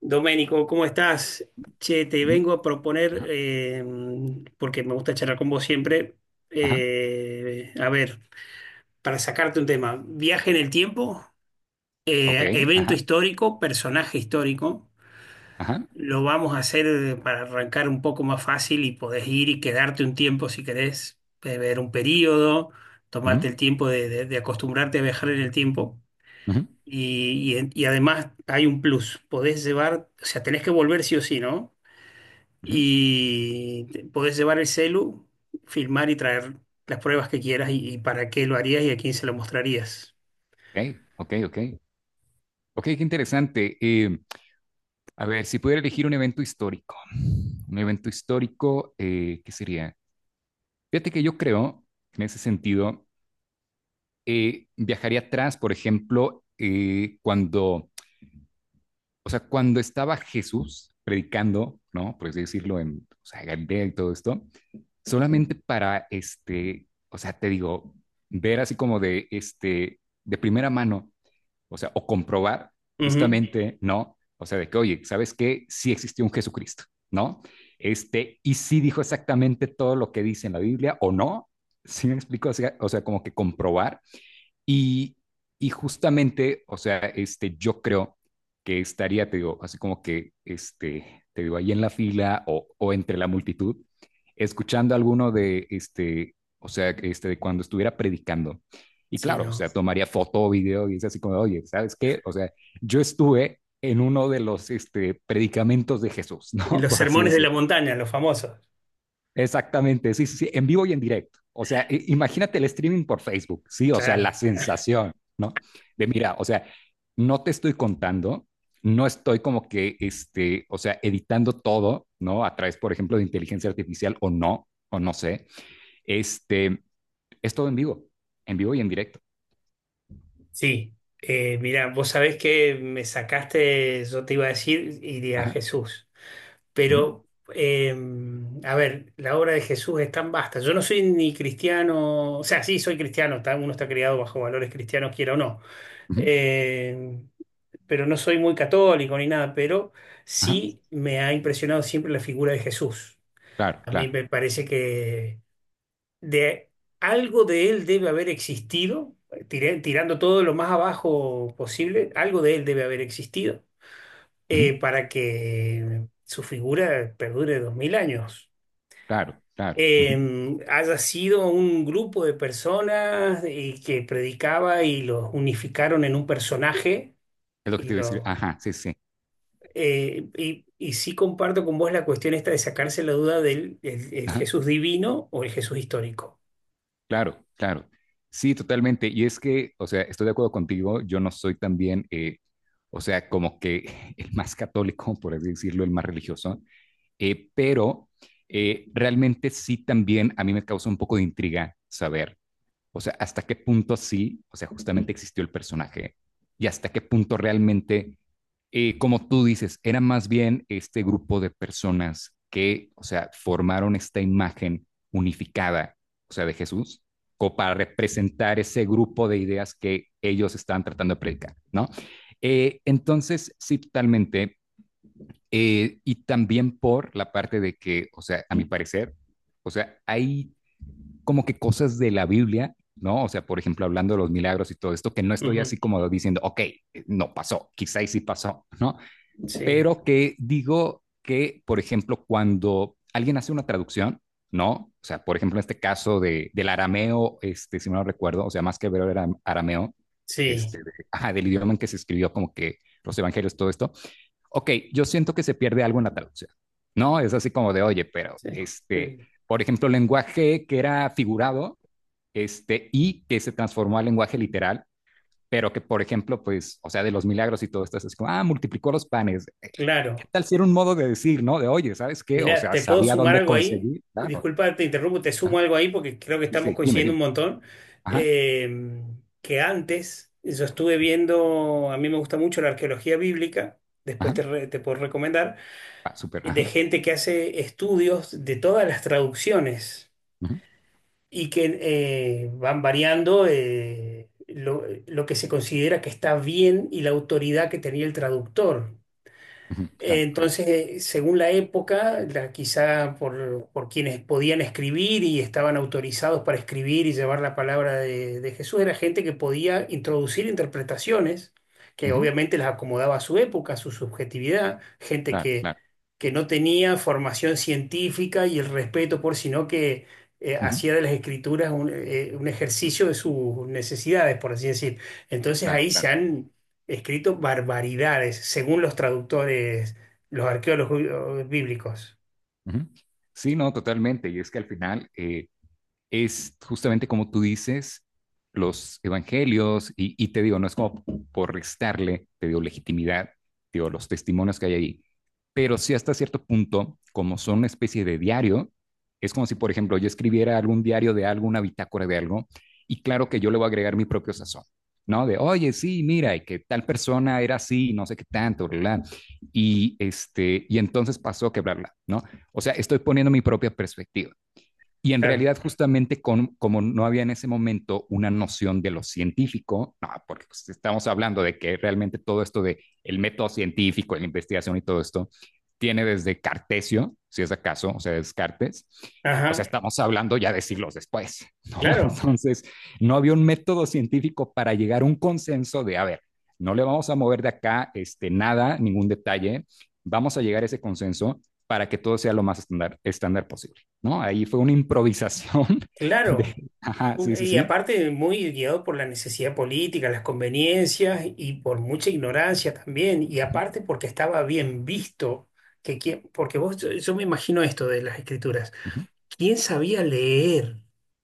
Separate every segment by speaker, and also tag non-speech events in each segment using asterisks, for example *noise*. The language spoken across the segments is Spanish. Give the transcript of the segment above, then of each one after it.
Speaker 1: Doménico, ¿cómo estás? Che, te
Speaker 2: Ujú.
Speaker 1: vengo a proponer,
Speaker 2: Ajá,
Speaker 1: porque me gusta charlar con vos siempre,
Speaker 2: ajá.
Speaker 1: a ver, para sacarte un tema, viaje en el tiempo,
Speaker 2: Ok.
Speaker 1: evento
Speaker 2: Ajá,
Speaker 1: histórico, personaje histórico,
Speaker 2: ajá.
Speaker 1: lo vamos a hacer para arrancar un poco más fácil y podés ir y quedarte un tiempo si querés, beber un periodo,
Speaker 2: Ujú,
Speaker 1: tomarte el tiempo de acostumbrarte a viajar en el tiempo.
Speaker 2: ujú,
Speaker 1: Y además hay un plus, podés llevar, o sea, tenés que volver sí o sí, ¿no?
Speaker 2: ujú.
Speaker 1: Y podés llevar el celu, filmar y traer las pruebas que quieras y para qué lo harías y a quién se lo mostrarías.
Speaker 2: Ok, ok, ok. Ok, qué interesante. A ver, si pudiera elegir un evento histórico, ¿qué sería? Fíjate que yo creo, que en ese sentido, viajaría atrás, por ejemplo, cuando, o sea, cuando estaba Jesús predicando, ¿no? Por así decirlo, en, o sea, Galilea y todo esto solamente para, o sea, te digo, ver así como de, este, de primera mano, o sea, o comprobar
Speaker 1: Ujú.
Speaker 2: justamente, ¿no? O sea, de que, oye, ¿sabes qué? Sí existió un Jesucristo, ¿no? Y sí dijo exactamente todo lo que dice en la Biblia, o no, sí me explico, o sea como que comprobar y, y justamente, o sea, yo creo que estaría, te digo, así como que, te digo, ahí en la fila o entre la multitud, escuchando alguno de, de cuando estuviera predicando. Y
Speaker 1: Sí,
Speaker 2: claro, o sea,
Speaker 1: no.
Speaker 2: tomaría foto o video y es así como, oye, ¿sabes qué? O sea, yo estuve en uno de los predicamentos de Jesús, ¿no? *laughs*
Speaker 1: Los
Speaker 2: Por así
Speaker 1: sermones de
Speaker 2: decir.
Speaker 1: la montaña, los famosos.
Speaker 2: Exactamente, sí, sí, sí, en vivo y en directo. O sea, imagínate el streaming por Facebook, sí, o sea,
Speaker 1: Claro.
Speaker 2: la sensación, ¿no? De mira, o sea, no te estoy contando, no estoy como que, o sea, editando todo, ¿no? A través, por ejemplo, de inteligencia artificial o no sé, este, es todo en vivo y en directo.
Speaker 1: Sí. Mira, vos sabés que me sacaste, yo te iba a decir, iría a
Speaker 2: Ajá,
Speaker 1: Jesús.
Speaker 2: ujú,
Speaker 1: Pero, eh, a ver, la obra de Jesús es tan vasta. Yo no soy ni cristiano, o sea, sí, soy cristiano, uno está criado bajo valores cristianos, quiera o no.
Speaker 2: ujú,
Speaker 1: Eh, pero no soy muy católico ni nada, pero
Speaker 2: ajá,
Speaker 1: sí me ha impresionado siempre la figura de Jesús.
Speaker 2: claro,
Speaker 1: A mí
Speaker 2: claro,
Speaker 1: me parece que de algo de él debe haber existido, tirando todo lo más abajo posible, algo de él debe haber existido
Speaker 2: ujú,
Speaker 1: para que su figura perdure 2000 años.
Speaker 2: claro, claro, ujú.
Speaker 1: Haya sido un grupo de personas y que predicaba y los unificaron en un personaje
Speaker 2: Es lo que
Speaker 1: y
Speaker 2: te iba a decir,
Speaker 1: los.
Speaker 2: ajá, sí, sí,
Speaker 1: Y sí comparto con vos la cuestión esta de sacarse la duda del el Jesús divino o el Jesús histórico.
Speaker 2: claro, claro. Sí, totalmente. Y es que, o sea, estoy de acuerdo contigo, yo no soy también, o sea, como que *laughs* el más católico, por así decirlo, el más religioso, pero realmente sí también a mí me causa un poco de intriga saber, o sea, hasta qué punto sí, o sea, justamente existió el personaje y hasta qué punto realmente, como tú dices, era más bien este grupo de personas que, o sea, formaron esta imagen unificada, o sea, de Jesús, como para representar ese grupo de ideas que ellos estaban tratando de predicar, ¿no? Entonces, sí, totalmente. Y también por la parte de que, o sea, a mi parecer, o sea, hay como que cosas de la Biblia, ¿no? O sea, por ejemplo, hablando de los milagros y todo esto, que no estoy
Speaker 1: Ujú.
Speaker 2: así como diciendo, ok, no pasó, quizá sí pasó, ¿no?
Speaker 1: Sí,
Speaker 2: Pero que digo que, por ejemplo, cuando alguien hace una traducción, ¿no? O sea, por ejemplo, en este caso de, del arameo, si no lo recuerdo, o sea, más que ver era arameo,
Speaker 1: sí,
Speaker 2: de, ajá, del idioma en que se escribió como que los evangelios, todo esto, ok, yo siento que se pierde algo en la traducción, ¿no? Es así como de, oye, pero
Speaker 1: sí. El-
Speaker 2: por ejemplo, lenguaje que era figurado, y que se transformó al lenguaje literal, pero que, por ejemplo, pues, o sea, de los milagros y todo esto, es como, ah, multiplicó los panes. ¿Qué
Speaker 1: claro.
Speaker 2: tal si era un modo de decir, no? De, oye, ¿sabes qué? O
Speaker 1: Mirá,
Speaker 2: sea,
Speaker 1: ¿te puedo
Speaker 2: sabía
Speaker 1: sumar
Speaker 2: dónde
Speaker 1: algo ahí?
Speaker 2: conseguir, claro.
Speaker 1: Disculpa, te interrumpo, te sumo
Speaker 2: Ajá.
Speaker 1: algo ahí porque creo que
Speaker 2: Sí,
Speaker 1: estamos
Speaker 2: sí, dime,
Speaker 1: coincidiendo
Speaker 2: dime.
Speaker 1: un montón.
Speaker 2: Ajá,
Speaker 1: Eh, que antes yo estuve viendo, a mí me gusta mucho la arqueología bíblica, después te,
Speaker 2: ajá,
Speaker 1: te puedo recomendar,
Speaker 2: ah, súper,
Speaker 1: de
Speaker 2: ajá.
Speaker 1: gente que hace estudios de todas las traducciones
Speaker 2: Ujú,
Speaker 1: y que van variando lo que se considera que está bien y la autoridad que tenía el traductor.
Speaker 2: ujú,
Speaker 1: Eh,
Speaker 2: claro, claro,
Speaker 1: Entonces, según la época, quizá por quienes podían escribir y estaban autorizados para escribir y llevar la palabra de Jesús, era gente que podía introducir interpretaciones que
Speaker 2: ujú,
Speaker 1: obviamente las acomodaba a su época, a su subjetividad, gente
Speaker 2: claro, claro,
Speaker 1: que no tenía formación científica y el respeto por, sino que
Speaker 2: ujú,
Speaker 1: hacía de las escrituras un ejercicio de sus necesidades, por así decir. Entonces
Speaker 2: claro,
Speaker 1: ahí se
Speaker 2: claro,
Speaker 1: han escrito barbaridades, según los traductores, los arqueólogos bíblicos.
Speaker 2: ujú. Sí, no, totalmente. Y es que al final, es justamente como tú dices, los evangelios, y te digo, no es como por restarle, te digo, legitimidad, te digo, los testimonios que hay ahí, pero sí hasta cierto punto, como son una especie de diario, es como si, por ejemplo, yo escribiera algún diario de algo, una bitácora de algo, y claro que yo le voy a agregar mi propio sazón, ¿no? De, oye, sí, mira, y que tal persona era así, no sé qué tanto, ¿verdad? Y entonces pasó que, bla, bla, ¿no? O sea, estoy poniendo mi propia perspectiva. Y en
Speaker 1: Claro.
Speaker 2: realidad, justamente con, como no había en ese momento una noción de lo científico, no, porque pues, estamos hablando de que realmente todo esto de el método científico, la investigación y todo esto, tiene desde Cartesio, si es acaso, o sea, Descartes. O sea,
Speaker 1: Ajá,
Speaker 2: estamos hablando ya de siglos después, *laughs* ¿no?
Speaker 1: claro,
Speaker 2: Entonces, no había un método científico para llegar a un consenso de, a ver, no le vamos a mover de acá, nada, ningún detalle, vamos a llegar a ese consenso para que todo sea lo más estándar posible. ¿No? Ahí fue una improvisación *laughs* de,
Speaker 1: claro.
Speaker 2: ajá, sí, sí,
Speaker 1: Y
Speaker 2: sí.
Speaker 1: aparte, muy guiado por la necesidad política, las conveniencias y por mucha ignorancia también. Y aparte, porque estaba bien visto. Porque vos, yo me imagino esto de las escrituras.
Speaker 2: Ujú,
Speaker 1: ¿Quién sabía leer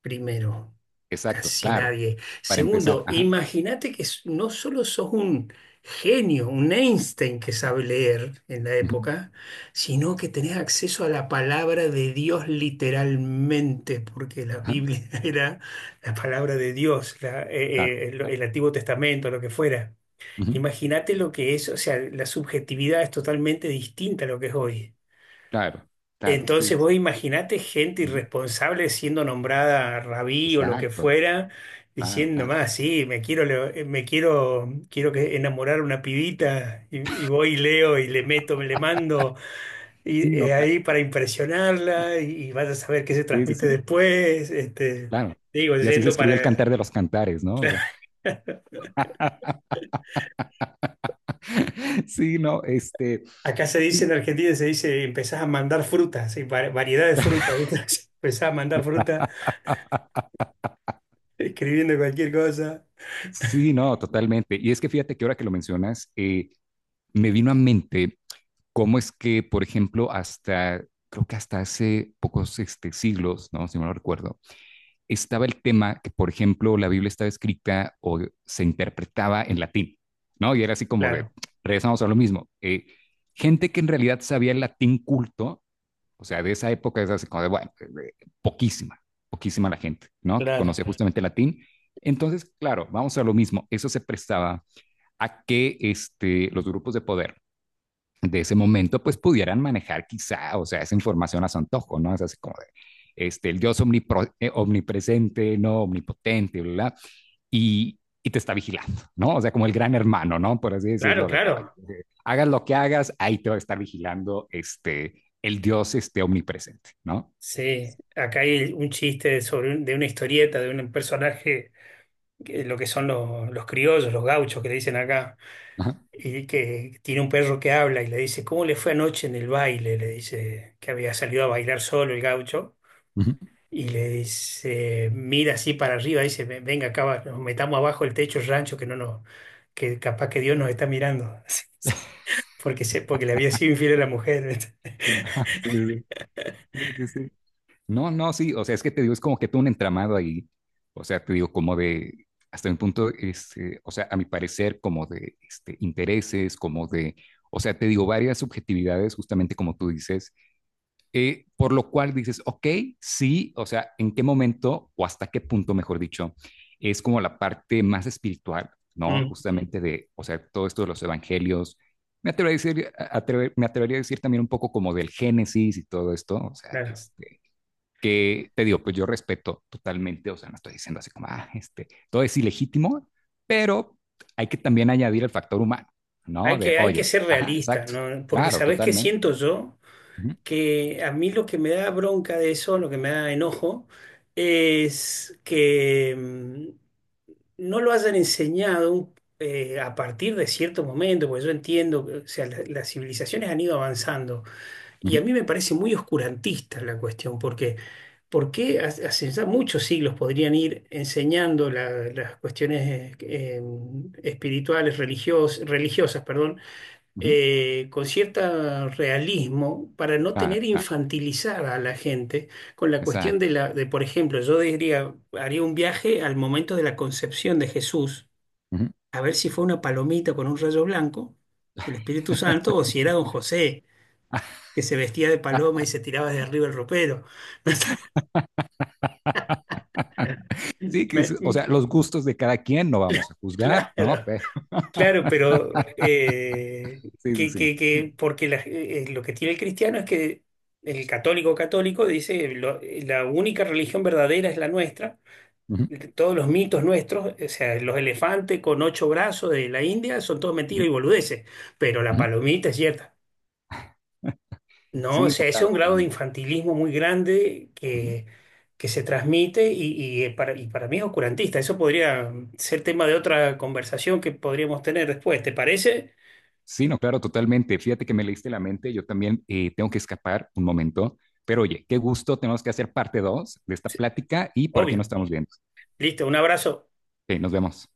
Speaker 1: primero?
Speaker 2: exacto,
Speaker 1: Casi
Speaker 2: claro,
Speaker 1: nadie.
Speaker 2: para empezar,
Speaker 1: Segundo,
Speaker 2: ajá,
Speaker 1: imagínate que no solo sos un genio, un Einstein que sabe leer en la
Speaker 2: ujú,
Speaker 1: época, sino que tenés acceso a la palabra de Dios literalmente, porque la
Speaker 2: ajá,
Speaker 1: Biblia *laughs* era la palabra de Dios,
Speaker 2: claro, claro,
Speaker 1: el Antiguo Testamento, lo que fuera.
Speaker 2: ujú,
Speaker 1: Imagínate lo que es, o sea, la subjetividad es totalmente distinta a lo que es hoy.
Speaker 2: claro, claro, sí,
Speaker 1: Entonces
Speaker 2: sí,
Speaker 1: vos
Speaker 2: sí,
Speaker 1: imaginate gente
Speaker 2: ujú,
Speaker 1: irresponsable siendo nombrada rabí o lo que
Speaker 2: exacto,
Speaker 1: fuera,
Speaker 2: claro,
Speaker 1: diciendo
Speaker 2: claro.
Speaker 1: más, sí, me quiero, quiero que enamorar a una pibita y voy y leo y le meto, me le mando y,
Speaker 2: Sí, no, claro.
Speaker 1: ahí para impresionarla y vas a saber qué se
Speaker 2: Sí, sí,
Speaker 1: transmite
Speaker 2: sí,
Speaker 1: después. Este,
Speaker 2: claro.
Speaker 1: digo,
Speaker 2: Y así se
Speaker 1: yendo
Speaker 2: escribió el
Speaker 1: para...
Speaker 2: Cantar de los Cantares, ¿no? O sea, *laughs* sí, no,
Speaker 1: Acá se dice
Speaker 2: sí,
Speaker 1: en Argentina, se dice, empezás a mandar frutas, y variedad de frutas, *laughs* ¿viste? Empezás a mandar fruta escribiendo cualquier cosa.
Speaker 2: sí, no, totalmente. Y es que fíjate que ahora que lo mencionas, me vino a mente cómo es que, por ejemplo, hasta, creo que hasta hace pocos siglos, ¿no? Si no lo recuerdo, estaba el tema que, por ejemplo, la Biblia estaba escrita o se interpretaba en latín, ¿no? Y era así como de,
Speaker 1: Claro,
Speaker 2: regresamos a lo mismo. Gente que en realidad sabía el latín culto, o sea, de esa época es así como de, bueno, poquísima, poquísima la gente, ¿no? Que
Speaker 1: claro.
Speaker 2: conocía justamente el latín. Entonces, claro, vamos a lo mismo. Eso se prestaba a que los grupos de poder de ese momento, pues pudieran manejar quizá, o sea, esa información a su antojo, ¿no? Es así como de, el Dios omnipresente, no omnipotente, bla, bla, y te está vigilando, ¿no? O sea, como el gran hermano, ¿no? Por así
Speaker 1: Claro,
Speaker 2: decirlo, de que
Speaker 1: claro.
Speaker 2: oye, hagas lo que hagas, ahí te va a estar vigilando, el Dios, omnipresente, ¿no?
Speaker 1: Sí, acá hay un chiste sobre de una historieta de un personaje, lo que son los criollos, los gauchos que le dicen acá,
Speaker 2: Ajá.
Speaker 1: y que tiene un perro que habla y le dice, ¿cómo le fue anoche en el baile? Le dice que había salido a bailar solo el gaucho
Speaker 2: Uh-huh.
Speaker 1: y le dice, mira así para arriba, dice, Venga acá, nos metamos abajo el techo del rancho que no nos, que capaz que Dios nos está mirando", *laughs* porque, se, porque le había sido infiel a la mujer.
Speaker 2: Ajá.
Speaker 1: *laughs*
Speaker 2: Sí, sí, sí, sí. No, no, sí, o sea, es que te digo, es como que todo un entramado ahí, o sea, te digo, como de, hasta un punto, o sea, a mi parecer, como de intereses, como de, o sea, te digo, varias subjetividades, justamente como tú dices, por lo cual dices, ok, sí, o sea, ¿en qué momento o hasta qué punto, mejor dicho, es como la parte más espiritual, ¿no?
Speaker 1: Mm,
Speaker 2: Justamente de, o sea, todo esto de los evangelios, me atrevería a decir, me atrevería a decir también un poco como del Génesis y todo esto, o sea,
Speaker 1: claro.
Speaker 2: que te digo, pues yo respeto totalmente, o sea, no estoy diciendo así como, ah, todo es ilegítimo, pero hay que también añadir el factor humano, ¿no? De,
Speaker 1: Hay que
Speaker 2: oyes,
Speaker 1: ser
Speaker 2: ajá,
Speaker 1: realistas,
Speaker 2: exacto,
Speaker 1: ¿no? Porque
Speaker 2: claro,
Speaker 1: ¿sabés qué
Speaker 2: totalmente.
Speaker 1: siento yo?
Speaker 2: Ujú,
Speaker 1: Que a mí lo que me da bronca de eso, lo que me da enojo, es que no lo hayan enseñado a partir de cierto momento, porque yo entiendo, que, o sea, las civilizaciones han ido avanzando y
Speaker 2: ujú,
Speaker 1: a mí me parece muy oscurantista la cuestión, porque ¿por qué hace ya muchos siglos podrían ir enseñando las cuestiones espirituales, religiosas, perdón?
Speaker 2: ujú,
Speaker 1: Con cierto realismo para no
Speaker 2: claro,
Speaker 1: tener
Speaker 2: claro,
Speaker 1: infantilizada a la gente con la cuestión de
Speaker 2: exacto.
Speaker 1: la, de, por ejemplo, yo diría, haría un viaje al momento de la concepción de Jesús,
Speaker 2: Ujú.
Speaker 1: a ver si fue una palomita con un rayo blanco, el Espíritu Santo, o
Speaker 2: *laughs*
Speaker 1: si era don José, que se vestía de paloma y se tiraba de arriba el ropero. *laughs*
Speaker 2: Sí, que,
Speaker 1: Me-
Speaker 2: o
Speaker 1: mm,
Speaker 2: sea, los gustos de cada quien no vamos a juzgar, ¿no?
Speaker 1: claro. Claro, pero
Speaker 2: Sí, sí, sí.
Speaker 1: porque lo que tiene el cristiano es que el católico católico dice, La única religión verdadera es la nuestra,
Speaker 2: Ujú,
Speaker 1: todos los mitos nuestros, o sea, los elefantes con ocho brazos de la India son todos mentiras
Speaker 2: ujú,
Speaker 1: y boludeces, pero la
Speaker 2: ujú.
Speaker 1: palomita es cierta". No, o
Speaker 2: Sí, no,
Speaker 1: sea, ese es
Speaker 2: claro,
Speaker 1: un grado de
Speaker 2: totalmente.
Speaker 1: infantilismo muy grande que, se transmite y, y para mí es oscurantista. Eso podría ser tema de otra conversación que podríamos tener después, ¿te parece?
Speaker 2: Sí, no, claro, totalmente. Fíjate que me leíste la mente, yo también tengo que escapar un momento, pero oye, qué gusto, tenemos que hacer parte 2 de esta plática y por aquí nos
Speaker 1: Obvio.
Speaker 2: estamos viendo.
Speaker 1: Listo, un abrazo.
Speaker 2: Ok, nos vemos.